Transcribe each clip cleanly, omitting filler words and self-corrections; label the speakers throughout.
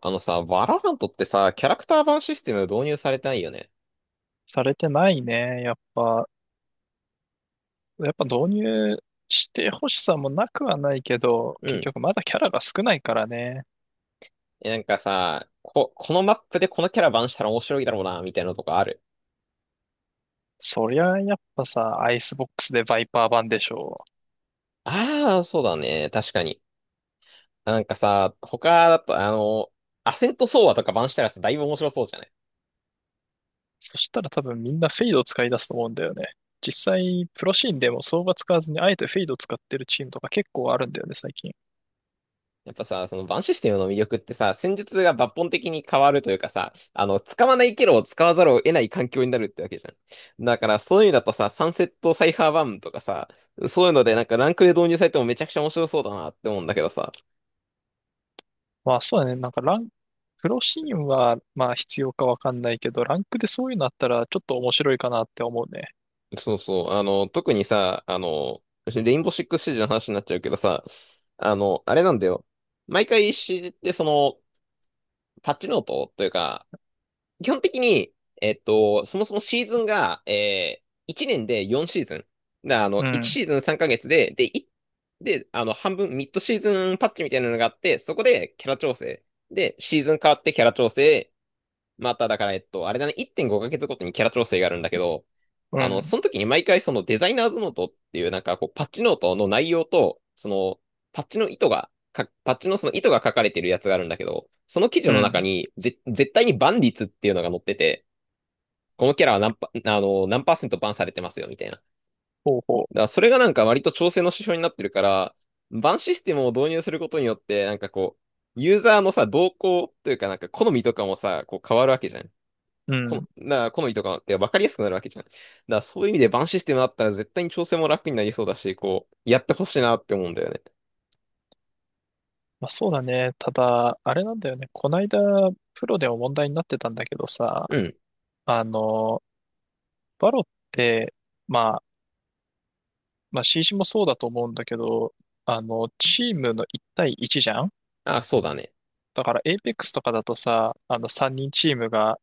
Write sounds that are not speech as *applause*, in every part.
Speaker 1: あのさ、バラハントってさ、キャラクター版システム導入されてないよね。
Speaker 2: されてないね。やっぱ導入してほしさもなくはないけど、
Speaker 1: う
Speaker 2: 結
Speaker 1: ん。
Speaker 2: 局まだキャラが少ないからね。
Speaker 1: えなんかさ、こ、このマップでこのキャラ版したら面白いだろうな、みたいなのとかある。
Speaker 2: そりゃやっぱさ、アイスボックスでバイパー版でしょう。
Speaker 1: ああ、そうだね。確かに。なんかさ、他だと、アセントソーアとか版したらさ、だいぶ面白そうじゃない？
Speaker 2: そしたら多分みんなフェイドを使い出すと思うんだよね。実際、プロシーンでも相場使わずにあえてフェイドを使ってるチームとか結構あるんだよね、最近。
Speaker 1: やっぱさ、そのバンシステムの魅力ってさ、戦術が抜本的に変わるというかさ、使わないキャラを使わざるを得ない環境になるってわけじゃん。だからそういうのだとさ、サンセットサイファーバーンとかさ、そういうのでなんかランクで導入されてもめちゃくちゃ面白そうだなって思うんだけどさ。
Speaker 2: まあそうだね、なんかラン、プロシーンはまあ必要かわかんないけど、ランクでそういうのあったらちょっと面白いかなって思うね。
Speaker 1: そうそう、特にさ、レインボーシックスシージの話になっちゃうけどさ、あれなんだよ。毎回 CG ってその、パッチノートというか、基本的に、そもそもシーズンが、1年で4シーズン。だから
Speaker 2: う
Speaker 1: 1
Speaker 2: ん、
Speaker 1: シーズン3ヶ月で、で、半分、ミッドシーズンパッチみたいなのがあって、そこでキャラ調整。で、シーズン変わってキャラ調整。まただから、あれだね、1.5ヶ月ごかげつごとにキャラ調整があるんだけど、
Speaker 2: うん、
Speaker 1: その時に毎回そのデザイナーズノートっていうなんかこうパッチノートの内容と、そのパッチのその糸が書かれてるやつがあるんだけど、その記事
Speaker 2: う
Speaker 1: の中
Speaker 2: ん、
Speaker 1: に絶対にバン率っていうのが載ってて、このキャラは何パーセントバンされてますよみたいな。だか
Speaker 2: ほうほう。
Speaker 1: らそれがなんか割と調整の指標になってるから、バンシステムを導入することによって、ユーザーのさ、動向というかなんか好みとかもさ、こう変わるわけじゃん。
Speaker 2: う
Speaker 1: こ
Speaker 2: ん、
Speaker 1: の、な、好みとかって分かりやすくなるわけじゃん。だからそういう意味でバンシステムあったら絶対に調整も楽になりそうだし、こう、やってほしいなって思うんだよね。
Speaker 2: まあ、そうだね。ただ、あれなんだよね。こないだ、プロでも問題になってたんだけどさ、
Speaker 1: うん。
Speaker 2: あの、バロって、まあ、まあ、CC もそうだと思うんだけど、チームの1対1じゃん。
Speaker 1: あ、そうだね。
Speaker 2: だから、エイペックスとかだとさ、3人チームが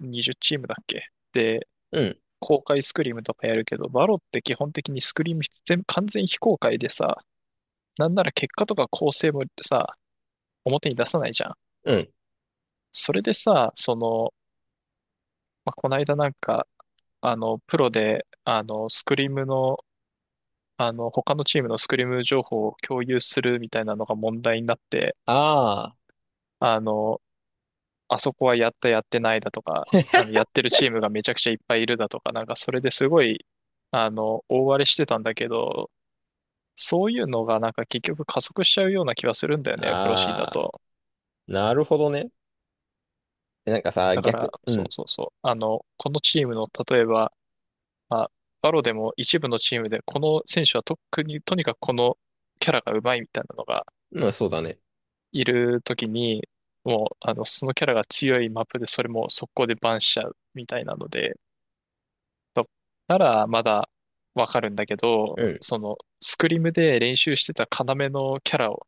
Speaker 2: 20チームだっけで、
Speaker 1: うん。
Speaker 2: 公開スクリームとかやるけど、バロって基本的にスクリーム全部完全非公開でさ、なんなら結果とか構成もさ、表に出さないじゃん。
Speaker 1: うん。
Speaker 2: それでさ、その、まあ、この間なんか、プロで、スクリームの、他のチームのスクリーム情報を共有するみたいなのが問題になって、
Speaker 1: あ
Speaker 2: あの、あそこはやったやってないだとか、やってるチームがめちゃくちゃいっぱいいるだとか、なんかそれですごい、あの、大荒れしてたんだけど、そういうのがなんか結局加速しちゃうような気はするんだよ
Speaker 1: あ。
Speaker 2: ね、プロシーだ
Speaker 1: ああ。
Speaker 2: と。
Speaker 1: なるほどね。えなんかさ、
Speaker 2: だから、
Speaker 1: 逆、う
Speaker 2: そう
Speaker 1: ん。
Speaker 2: そうそう。このチームの、例えば、まあ、バロでも一部のチームで、この選手は特に、とにかくこのキャラが上手いみたいなのが
Speaker 1: うん、そうだね。
Speaker 2: いるときに、もう、あの、そのキャラが強いマップで、それも速攻でバンしちゃうみたいなので、とならまだわかるんだけど、
Speaker 1: うん。
Speaker 2: その、スクリムで練習してた要のキャラを、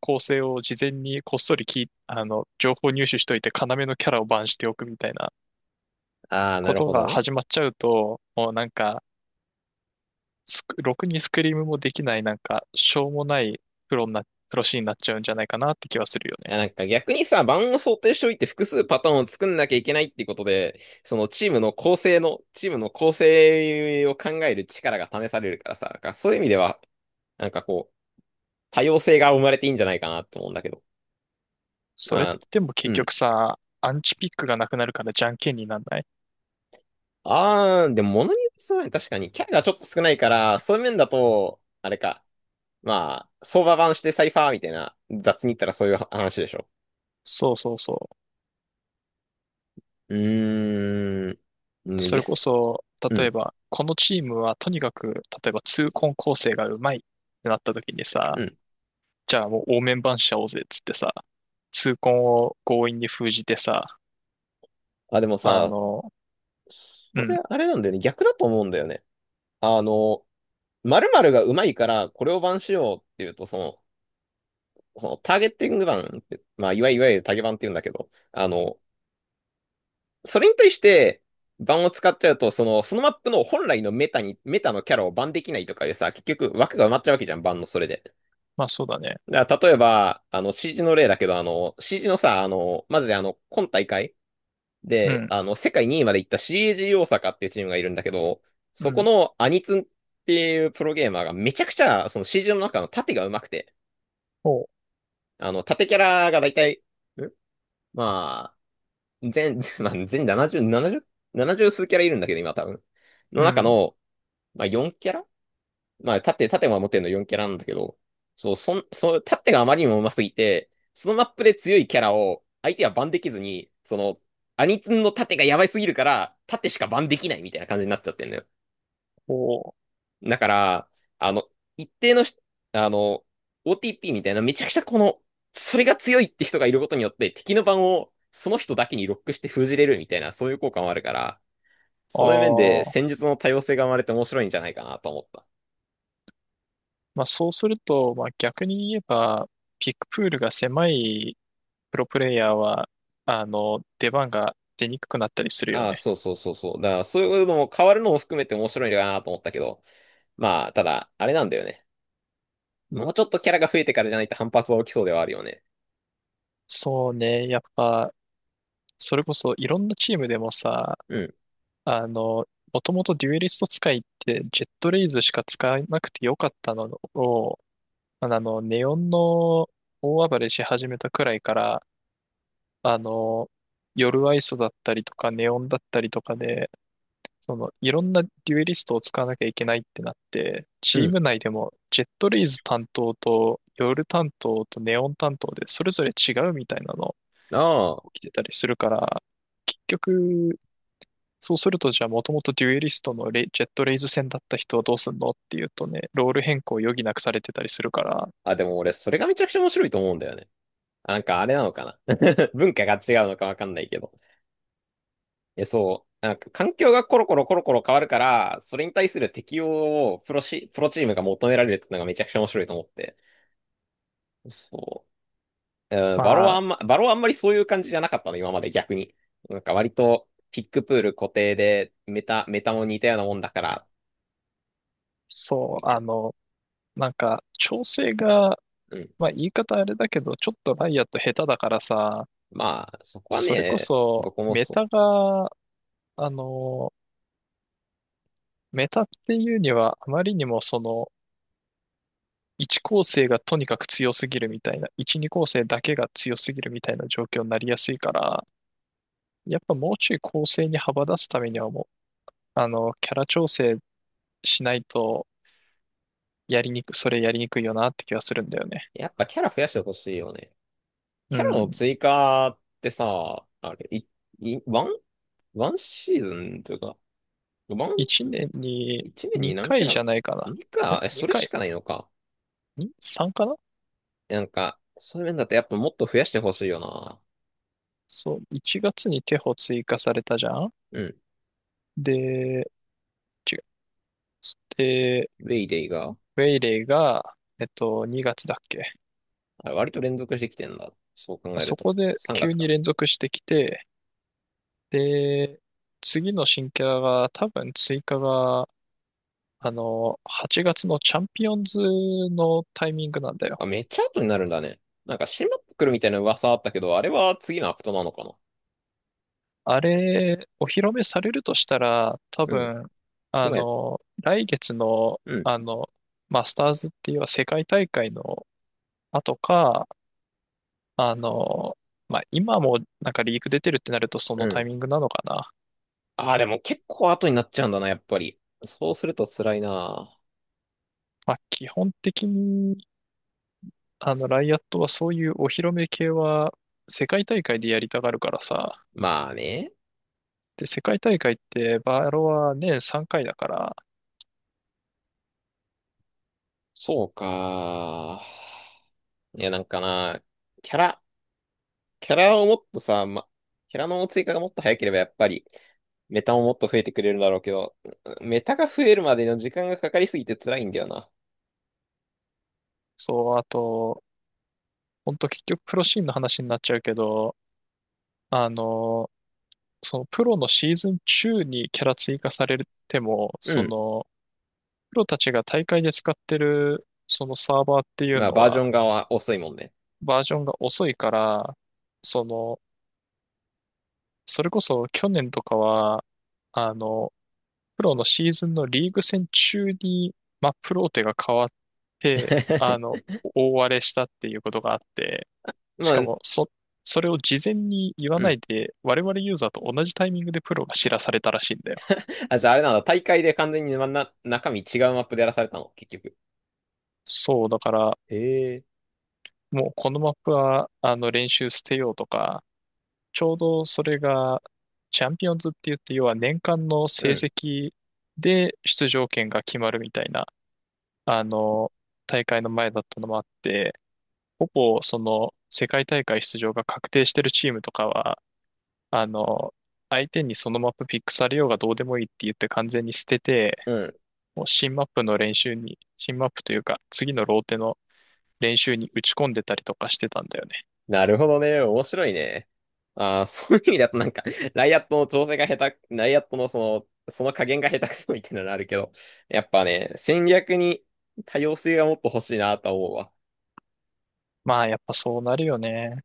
Speaker 2: 構成を事前にこっそり聞い、あの、情報入手しといて、要のキャラをバンしておくみたいな
Speaker 1: ああ、な
Speaker 2: こ
Speaker 1: る
Speaker 2: と
Speaker 1: ほど
Speaker 2: が
Speaker 1: ね。
Speaker 2: 始まっちゃうと、もうなんか、ろくにスクリームもできない、なんか、しょうもないプロにな、プロシーンになっちゃうんじゃないかなって気はするよね。
Speaker 1: あなんか逆にさ、盤を想定しておいて複数パターンを作んなきゃいけないっていうことで、チームの構成を考える力が試されるからさ、なんかそういう意味では、なんかこう、多様性が生まれていいんじゃないかなって思うんだけど。
Speaker 2: それっ
Speaker 1: あ
Speaker 2: て
Speaker 1: ー、
Speaker 2: でも結
Speaker 1: う
Speaker 2: 局
Speaker 1: ん。
Speaker 2: さ、アンチピックがなくなるからじゃんけんになんない。
Speaker 1: あー、でも物によりそうだね。確かに。キャラがちょっと少ないから、そういう面だと、あれか。まあ、相場版してサイファーみたいな、雑に言ったらそういう話でしょ。
Speaker 2: そうそうそ
Speaker 1: うーん。
Speaker 2: う。
Speaker 1: ね、
Speaker 2: それこ
Speaker 1: 実、
Speaker 2: そ、
Speaker 1: う
Speaker 2: 例え
Speaker 1: ん、
Speaker 2: ば、このチームはとにかく、例えば、痛恨構成がうまいってなった時に
Speaker 1: う
Speaker 2: さ、
Speaker 1: ん。
Speaker 2: じゃあもう応面番しちゃおうぜっつってさ、痛恨を強引に封じてさ、
Speaker 1: あ、でも
Speaker 2: あ
Speaker 1: さ、
Speaker 2: の、う
Speaker 1: そ
Speaker 2: ん、
Speaker 1: れあれなんだよね。逆だと思うんだよね。あの、〇〇が上手いから、これを版しようっていうと、その、そのターゲッティング版って、まあ、いわゆるタゲ版って言うんだけど、それに対して、バンを使っちゃうと、その、そのマップの本来のメタに、メタのキャラをバンできないとかでさ、結局枠が埋まっちゃうわけじゃん、バンのそれで。
Speaker 2: まあそうだね。
Speaker 1: だから例えば、CG の例だけど、CG のさ、マジで今大会
Speaker 2: う
Speaker 1: で、
Speaker 2: ん、
Speaker 1: 世界2位まで行った CAG 大阪っていうチームがいるんだけど、
Speaker 2: う
Speaker 1: そこ
Speaker 2: ん、
Speaker 1: のアニツンっていうプロゲーマーがめちゃくちゃ、その CG の中の縦が上手くて、
Speaker 2: おう、
Speaker 1: 縦キャラがだいたい、んまあ、*laughs* まあ、全70、70、70数キャラいるんだけど、今多分。の
Speaker 2: う
Speaker 1: 中
Speaker 2: ん、
Speaker 1: の、まあ、4キャラ、まあ、縦も持ってるの4キャラなんだけど、そう、縦があまりにも上手すぎて、そのマップで強いキャラを相手はバンできずに、その、アニツンの縦がやばいすぎるから、縦しかバンできないみたいな感じになっちゃってんのよ。
Speaker 2: おう、
Speaker 1: だから、あの、一定のし、あの、OTP みたいな、めちゃくちゃこの、それが強いって人がいることによって、敵の番をその人だけにロックして封じれるみたいな、そういう効果もあるから、
Speaker 2: あ
Speaker 1: そういう面で
Speaker 2: あ、
Speaker 1: 戦術の多様性が生まれて面白いんじゃないかなと思った。
Speaker 2: まあそうすると、まあ逆に言えば、ピックプールが狭いプロプレイヤーは、出番が出にくくなったりするよ
Speaker 1: ああ、
Speaker 2: ね。
Speaker 1: そうそうそうそう。だから、そういうのも変わるのも含めて面白いのかなと思ったけど、まあ、ただ、あれなんだよね。もうちょっとキャラが増えてからじゃないと反発は起きそうではあるよね。
Speaker 2: そうね、やっぱ、それこそいろんなチームでもさ、
Speaker 1: うん、
Speaker 2: あの、もともとデュエリスト使いってジェットレイズしか使わなくてよかったのを、ネオンの大暴れし始めたくらいから、あの、夜アイソだったりとかネオンだったりとかで、その、いろんなデュエリストを使わなきゃいけないってなって、
Speaker 1: う
Speaker 2: チー
Speaker 1: ん。
Speaker 2: ム内でもジェットレイズ担当とヨル担当とネオン担当でそれぞれ違うみたいなの
Speaker 1: あ
Speaker 2: 起きてたりするから、結局、そうするとじゃあもともとデュエリストのレイジェットレイズ戦だった人はどうすんのっていうとね、ロール変更を余儀なくされてたりするから、
Speaker 1: あ、あ、でも俺、それがめちゃくちゃ面白いと思うんだよね。あなんかあれなのかな。 *laughs* 文化が違うのかわかんないけど。え、そう。なんか環境がコロコロコロコロ変わるから、それに対する適応をプロチームが求められるっていうのがめちゃくちゃ面白いと思って。そう。バロ
Speaker 2: ま
Speaker 1: はあ
Speaker 2: あ、
Speaker 1: んま、バロはあんまりそういう感じじゃなかったの、今まで逆に。なんか割と、ピックプール固定で、メタも似たようなもんだから、
Speaker 2: そ
Speaker 1: み
Speaker 2: う、
Speaker 1: た
Speaker 2: あ
Speaker 1: い
Speaker 2: の、なんか調整が、
Speaker 1: な。うん。
Speaker 2: まあ言い方あれだけど、ちょっとライアット下手だからさ、
Speaker 1: まあ、そこは
Speaker 2: それこ
Speaker 1: ね、
Speaker 2: そ
Speaker 1: どこも
Speaker 2: メ
Speaker 1: そ
Speaker 2: タがあのメタっていうには、あまりにもその、1構成がとにかく強すぎるみたいな、1、2構成だけが強すぎるみたいな状況になりやすいから、やっぱもうちょい構成に幅出すためにはもう、あの、キャラ調整しないと、やりにく、それやりにくいよなって気がするんだよね。
Speaker 1: う。やっぱキャラ増やしてほしいよね。
Speaker 2: う
Speaker 1: キャラ
Speaker 2: ん。
Speaker 1: の追加ってさ、あれ、い、い、ワンワンシーズンというか、ワン、
Speaker 2: 1年に
Speaker 1: 一年に何
Speaker 2: 2
Speaker 1: キ
Speaker 2: 回
Speaker 1: ャラ
Speaker 2: じ
Speaker 1: な
Speaker 2: ゃないか
Speaker 1: の？
Speaker 2: な。
Speaker 1: 2
Speaker 2: え？
Speaker 1: か。え、
Speaker 2: 2
Speaker 1: それし
Speaker 2: 回？
Speaker 1: かないのか。
Speaker 2: 3 かな。
Speaker 1: なんか、そういう面だとやっぱもっと増やしてほしいよな。
Speaker 2: そう、1月にテホ追加されたじゃん。
Speaker 1: うん。
Speaker 2: で、違う。
Speaker 1: ウェイデイが、
Speaker 2: ウェイレイが、えっと、2月だっけ。
Speaker 1: あれ割と連続してきてんだ。そう考える
Speaker 2: そ
Speaker 1: と。
Speaker 2: こで
Speaker 1: 3
Speaker 2: 急
Speaker 1: 月
Speaker 2: に
Speaker 1: か。
Speaker 2: 連続してきて、で、次の新キャラが多分追加が、8月のチャンピオンズのタイミングなんだよ。
Speaker 1: あ、めっちゃ後になるんだね。なんか、閉まってくるみたいな噂あったけど、あれは次のアクトなのかな。
Speaker 2: あれ、お披露目されるとしたら、多
Speaker 1: うん。
Speaker 2: 分、
Speaker 1: 今や、
Speaker 2: 来月の、
Speaker 1: うん、
Speaker 2: マスターズっていう世界大会の後か、あの、まあ、今もなんかリーク出てるってなるとそ
Speaker 1: う
Speaker 2: のタイ
Speaker 1: ん。
Speaker 2: ミングなのかな。
Speaker 1: あー、でも結構後になっちゃうんだな、やっぱり。そうすると辛いな。
Speaker 2: まあ、基本的あの、ライアットはそういうお披露目系は世界大会でやりたがるからさ。
Speaker 1: まあね。
Speaker 2: で、世界大会ってバロは年3回だから、
Speaker 1: そうか。いや、なんかな、キャラ、キャラをもっとさ、キャラの追加がもっと早ければやっぱり、メタももっと増えてくれるだろうけど、メタが増えるまでの時間がかかりすぎて辛いんだよな。
Speaker 2: そう、あと、ほんと結局プロシーンの話になっちゃうけど、あの、そのプロのシーズン中にキャラ追加されても、
Speaker 1: う
Speaker 2: そ
Speaker 1: ん。
Speaker 2: の、プロたちが大会で使ってるそのサーバーっていう
Speaker 1: まあ、
Speaker 2: の
Speaker 1: バージ
Speaker 2: は
Speaker 1: ョン側は遅いもんね。
Speaker 2: バージョンが遅いから、その、それこそ去年とかは、あの、プロのシーズンのリーグ戦中に、まあ、プロテが変わって、
Speaker 1: *laughs*
Speaker 2: 大荒れしたっていうことがあって、し
Speaker 1: ま
Speaker 2: か
Speaker 1: あ、
Speaker 2: も、それを事前に言わ
Speaker 1: う
Speaker 2: な
Speaker 1: ん。
Speaker 2: いで、我々ユーザーと同じタイミングでプロが知らされたらしいんだよ。
Speaker 1: あ、じゃああれなんだ、大会で完全に、中身違うマップでやらされたの、結局。
Speaker 2: そう、だから、
Speaker 1: へえ。
Speaker 2: もうこのマップは、練習捨てようとか、ちょうどそれが、チャンピオンズって言って、要は年間の
Speaker 1: う
Speaker 2: 成
Speaker 1: ん。
Speaker 2: 績で出場権が決まるみたいな、あの、大会の前だったのもあって、ほぼその世界大会出場が確定してるチームとかは、あの、相手にそのマップピックされようがどうでもいいって言って完全に捨てて、
Speaker 1: うん。
Speaker 2: もう新マップの練習に、新マップというか次のローテの練習に打ち込んでたりとかしてたんだよね。
Speaker 1: なるほどね。面白いね。ああ、*laughs* そういう意味だとなんか、ライアットのその加減が下手くそみたいなのあるけど、やっぱね、戦略に多様性がもっと欲しいなとは思うわ。
Speaker 2: まあやっぱそうなるよね。